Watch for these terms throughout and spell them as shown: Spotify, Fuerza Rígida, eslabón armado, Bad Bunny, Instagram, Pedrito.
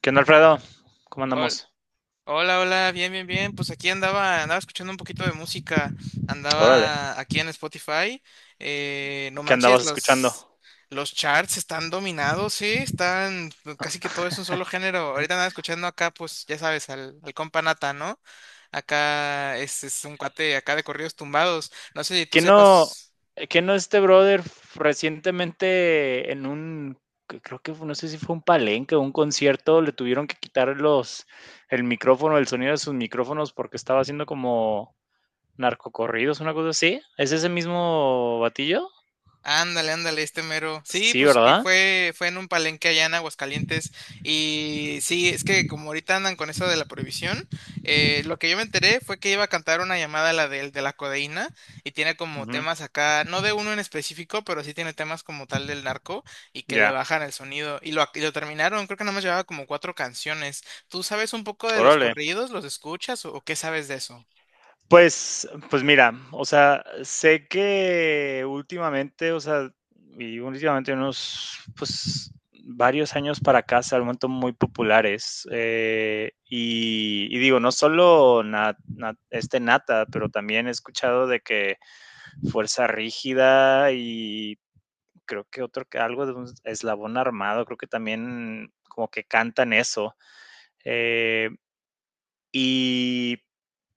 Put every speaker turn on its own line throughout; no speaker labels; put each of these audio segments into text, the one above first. ¿Qué onda, Alfredo? ¿Cómo
Hol-
andamos?
Hola, hola, bien, bien, bien. Pues aquí andaba escuchando un poquito de música.
Órale.
Andaba aquí en Spotify. No
¿Qué
manches,
andabas escuchando?
los charts están dominados, sí, están, pues, casi que todo es un solo género. Ahorita andaba escuchando acá, pues, ya sabes, al compa Nata, ¿no? Acá es un cuate acá de corridos tumbados. No sé si tú
¿Qué no,
sepas.
qué no este brother recientemente en un, que creo que no sé si fue un palenque o un concierto, le tuvieron que quitar los, el micrófono, el sonido de sus micrófonos porque estaba haciendo como narcocorridos, una cosa así? ¿Es ese mismo batillo?
Ándale, ándale, este mero. Sí,
Sí,
pues que
¿verdad?
fue en un palenque allá en Aguascalientes. Y sí, es que como ahorita andan con eso de la prohibición, lo que yo me enteré fue que iba a cantar una llamada la del de la codeína, y tiene como
Ujú.
temas acá, no de uno en específico, pero sí tiene temas como tal del narco y que le
Ya.
bajan el sonido. Y lo terminaron, creo que nada más llevaba como cuatro canciones. ¿Tú sabes un poco de los
Órale.
corridos? ¿Los escuchas o qué sabes de eso?
Pues mira, o sea, sé que últimamente, o sea, y últimamente unos, pues, varios años para acá se han vuelto muy populares. Y, y digo, no solo este Nata, pero también he escuchado de que Fuerza Rígida y creo que otro, que algo de un eslabón armado, creo que también como que cantan eso. eh, y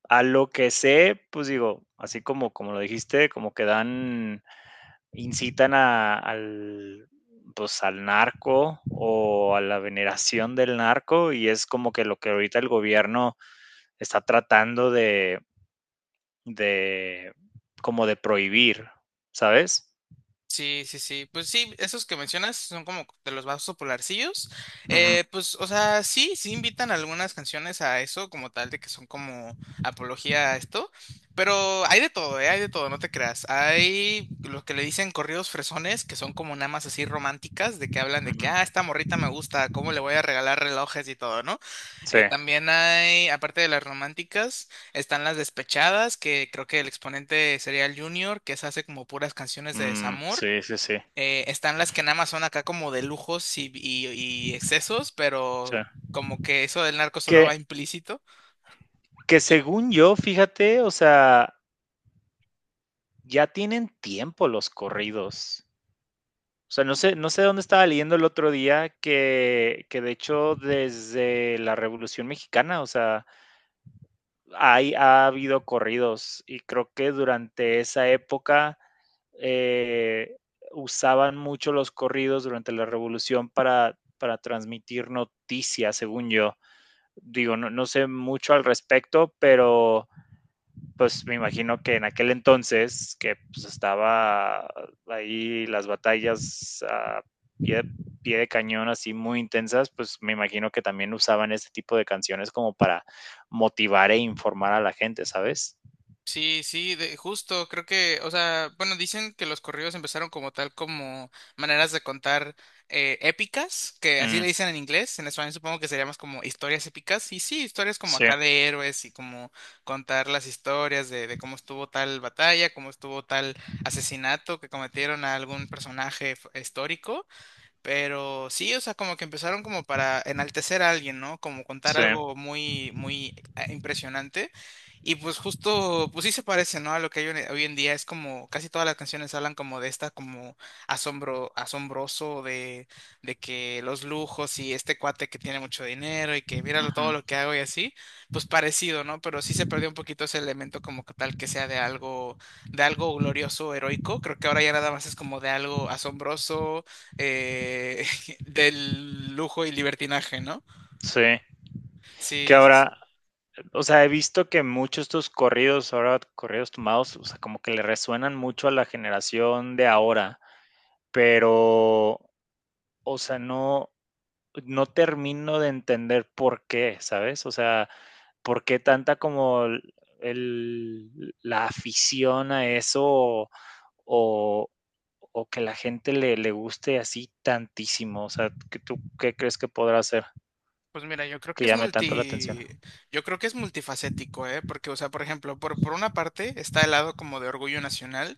a lo que sé, pues digo, así como, como lo dijiste, como que dan, incitan al, pues al narco o a la veneración del narco y es como que lo que ahorita el gobierno está tratando de como de prohibir, ¿sabes?
Sí, sí, sí. Pues sí, esos que mencionas son como de los más popularcillos.
Ujú,
Pues, o sea, sí, sí invitan algunas canciones a eso, como tal, de que son como apología a esto. Pero hay de todo, ¿eh? Hay de todo, no te creas. Hay los que le dicen corridos fresones, que son como nada más así románticas, de que hablan de
ujú.
que, ah, esta morrita me gusta, cómo le voy a regalar relojes y todo, ¿no?
Sí,
También hay, aparte de las románticas. Están las despechadas, que creo que el exponente sería el Junior, que se hace como puras canciones de
mm,
desamor.
sí, sí, sí,
Están las que nada más son acá como de lujos y excesos,
sí.
pero como que eso del narco
Que,
solo va implícito.
que según yo, fíjate, o sea, ya tienen tiempo los corridos. O sea, no sé, no sé dónde estaba leyendo el otro día que de hecho desde la Revolución Mexicana, o sea, hay, ha habido corridos y creo que durante esa época eh, usaban mucho los corridos durante la Revolución para transmitir noticias, según yo. Digo, no, no sé mucho al respecto, pero pues me imagino que en aquel entonces, que pues, estaba ahí las batallas a pie, pie, de cañón así muy intensas, pues me imagino que también usaban ese tipo de canciones como para motivar e informar a la gente, ¿sabes?
Sí, sí, de, justo, creo que, o sea, bueno, dicen que los corridos empezaron como tal, como maneras de contar épicas, que así
Mm,
le dicen en inglés, en español supongo que sería más como historias épicas, y sí, historias como
sí,
acá de héroes y como contar las historias de cómo estuvo tal batalla, cómo estuvo tal asesinato que cometieron a algún personaje histórico, pero sí, o sea, como que empezaron como para enaltecer a alguien, ¿no? Como contar
sí, uh
algo muy, muy impresionante. Y pues justo, pues sí se parece, ¿no? A lo que hay hoy en día. Es como, casi todas las canciones hablan como de esta, como asombro, asombroso, de que los lujos y este cuate que tiene mucho dinero y que mira lo-
-huh,
todo lo que hago y así, pues parecido, ¿no? Pero sí se perdió un poquito ese elemento como que tal que sea de algo glorioso, heroico. Creo que ahora ya nada más es como de algo asombroso eh, del lujo y libertinaje, ¿no?
sí. Que
Sí, sí,
ahora,
sí.
o sea, he visto que muchos estos corridos, ahora corridos tomados, o sea, como que le resuenan mucho a la generación de ahora, pero, o sea, no, no termino de entender por qué, ¿sabes? O sea, por qué tanta como el, la afición a eso o, o que la gente le, le, guste así tantísimo. O sea, ¿qué, ¿tú qué crees que podrá hacer
Pues mira,
que llame tanto la atención?
yo creo que es multifacético, ¿eh? Porque, o sea, por ejemplo, por una parte está el lado como de orgullo nacional,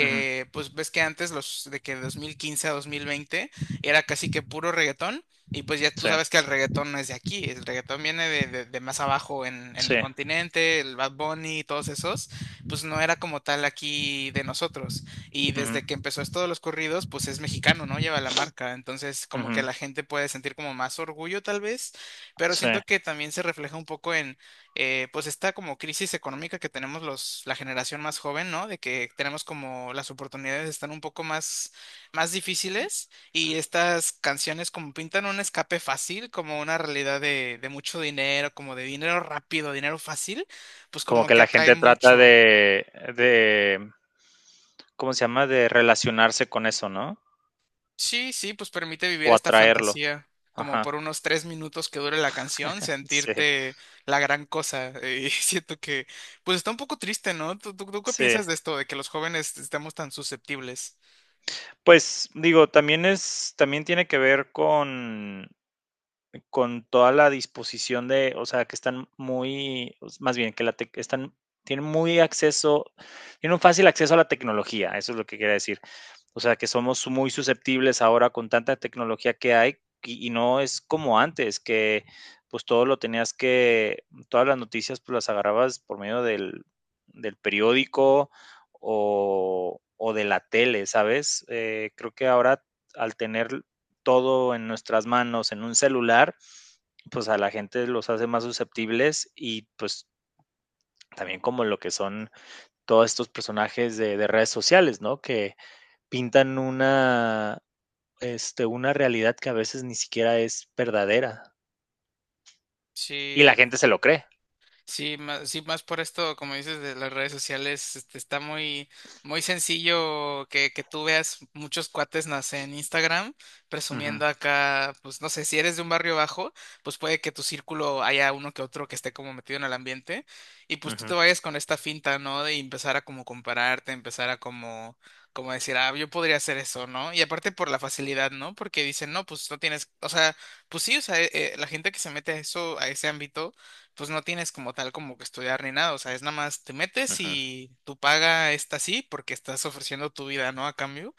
Uh -huh.
pues ves que antes los de que 2015 a 2020 era casi que puro reggaetón, y pues ya tú
Sí,
sabes que el reggaetón no es de aquí, el reggaetón viene de más abajo en
sí,
el continente, el Bad Bunny y todos esos, pues no era como tal aquí de nosotros. Y
uh
desde que
-huh.
empezó esto de los corridos, pues es mexicano, ¿no? Lleva la marca. Entonces,
Uh
como que
-huh.
la gente puede sentir como más orgullo, tal vez, pero
Sí.
siento que también se refleja un poco en, pues, esta como crisis económica que tenemos la generación más joven, ¿no? De que tenemos como las oportunidades están un poco más, difíciles y estas canciones como pintan un escape fácil, como una realidad de mucho dinero, como de dinero rápido, dinero fácil, pues
Como
como
que
que
la
atrae
gente trata
mucho.
de, ¿cómo se llama? De relacionarse con eso, ¿no?
Sí, sí, pues permite vivir
O
esta
atraerlo.
fantasía, como por
Ajá.
unos 3 minutos que dure la canción,
Sí,
sentirte la gran cosa. Y siento que, pues está un poco triste, ¿no? ¿Tú qué
sí.
piensas de esto, de que los jóvenes estemos tan susceptibles?
Pues digo, también es, también tiene que ver con toda la disposición de, o sea, que están muy, más bien, que la están, tienen muy acceso, tienen un fácil acceso a la tecnología, eso es lo que quería decir. O sea, que somos muy susceptibles ahora con tanta tecnología que hay y no es como antes, que pues todo lo tenías que, todas las noticias pues las agarrabas por medio del, del periódico o de la tele, ¿sabes? Creo que ahora al tener todo en nuestras manos, en un celular, pues a la gente los hace más susceptibles y pues también como lo que son todos estos personajes de redes sociales, ¿no? Que pintan una, este, una realidad que a veces ni siquiera es verdadera y la
Sí,
gente se lo cree.
Más por esto, como dices, de las redes sociales, este, está muy, muy sencillo que tú veas muchos cuates, no sé, en Instagram,
Uh -huh,
presumiendo acá, pues no sé, si eres de un barrio bajo, pues puede que tu círculo haya uno que otro que esté como metido en el ambiente, y pues
uh
tú te
-huh,
vayas con esta finta, ¿no? De empezar a como compararte, empezar a como decir, ah, yo podría hacer eso, ¿no? Y aparte por la facilidad, ¿no? Porque dicen, no, pues no tienes, o sea, pues sí, o sea, la gente que se mete a eso, a ese ámbito, pues no tienes como tal como que estudiar ni nada, o sea, es nada más te metes
uh -huh.
y tu paga está así porque estás ofreciendo tu vida, ¿no? A cambio.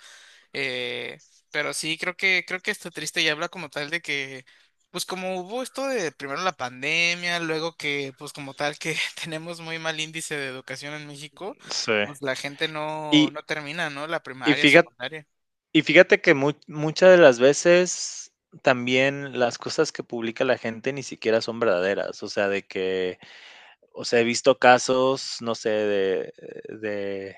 Eh, pero sí, creo que está triste y habla como tal de que, pues como hubo esto de primero la pandemia, luego que, pues como tal que tenemos muy mal índice de educación en México,
Sí.
pues la gente no,
Y,
no termina, ¿no? La
y,
primaria,
fíjate,
secundaria.
y fíjate que mu muchas de las veces también las cosas que publica la gente ni siquiera son verdaderas, o sea, de que o sea, he visto casos, no sé, de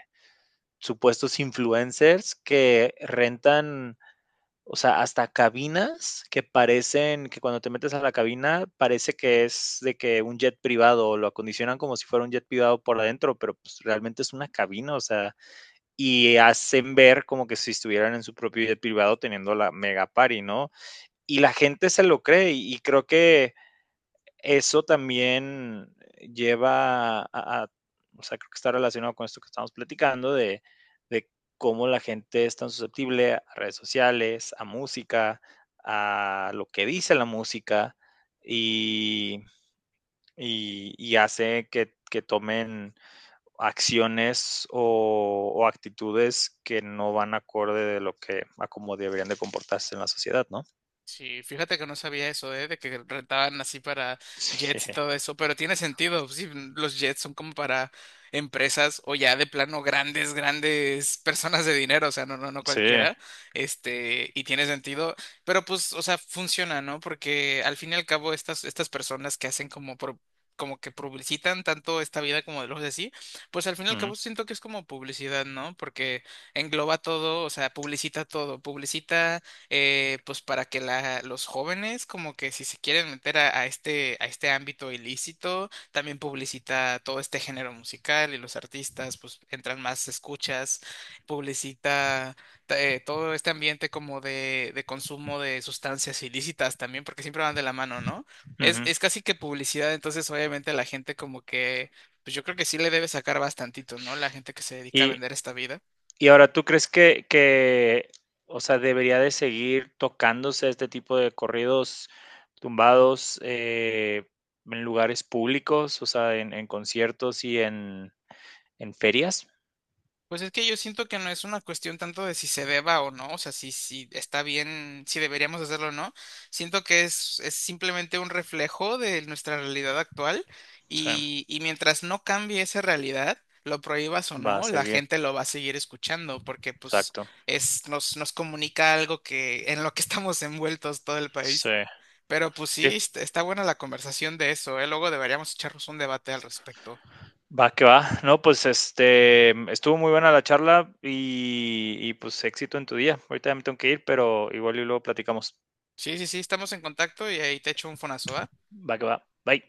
supuestos influencers que rentan, o sea, hasta cabinas que parecen, que cuando te metes a la cabina parece que es de que un jet privado, o lo acondicionan como si fuera un jet privado por adentro, pero pues realmente es una cabina, o sea, y hacen ver como que si estuvieran en su propio jet privado teniendo la mega party, ¿no? Y la gente se lo cree y creo que eso también lleva o sea, creo que está relacionado con esto que estamos platicando de cómo la gente es tan susceptible a redes sociales, a música, a lo que dice la música y, y hace que tomen acciones o actitudes que no van acorde de lo que, a cómo deberían de comportarse en la sociedad, ¿no?
Sí, fíjate que no sabía eso, ¿eh? De que rentaban así para jets y todo eso, pero tiene sentido, sí, los jets son como para empresas o ya de plano grandes, grandes personas de dinero, o sea, no, no, no
Sí, sí.
cualquiera, este, y tiene sentido, pero pues, o sea, funciona, ¿no? Porque al fin y al cabo estas personas que hacen como como que publicitan tanto esta vida como de los así, pues al fin y al
Ujú,
cabo siento que es como publicidad, ¿no? Porque engloba todo, o sea, publicita todo, publicita pues para que los jóvenes como que si se quieren meter a este ámbito ilícito, también publicita todo este género musical y los artistas pues entran más escuchas, publicita todo este ambiente como de, consumo de sustancias ilícitas también, porque siempre van de la mano, ¿no? Es,
ujú.
es casi que publicidad, entonces obviamente la gente como que, pues yo creo que sí le debe sacar bastantito, ¿no? La gente que se dedica a
Y,
vender esta vida.
Y ahora, ¿tú crees que, o sea, debería de seguir tocándose este tipo de corridos tumbados en lugares públicos, o sea, en conciertos y en ferias?
Pues es que yo siento que no es una cuestión tanto de si se deba o no, o sea, si, si está bien, si deberíamos hacerlo o no. Siento que es simplemente un reflejo de nuestra realidad actual
Sí,
y mientras no cambie esa realidad, lo prohíbas o
va a
no, la
seguir,
gente lo va a seguir escuchando porque pues
exacto.
es, nos, nos comunica algo que en lo que estamos envueltos todo el
Sí,
país. Pero pues sí,
sí,
está buena la conversación de eso, ¿eh? Luego deberíamos echarnos un debate al respecto.
va que va. No, pues este, estuvo muy buena la charla y pues éxito en tu día. Ahorita ya me tengo que ir, pero igual y luego platicamos.
Sí, sí, sí, estamos en contacto y ahí te echo un fonazo, ¿va?
Va que va. Bye.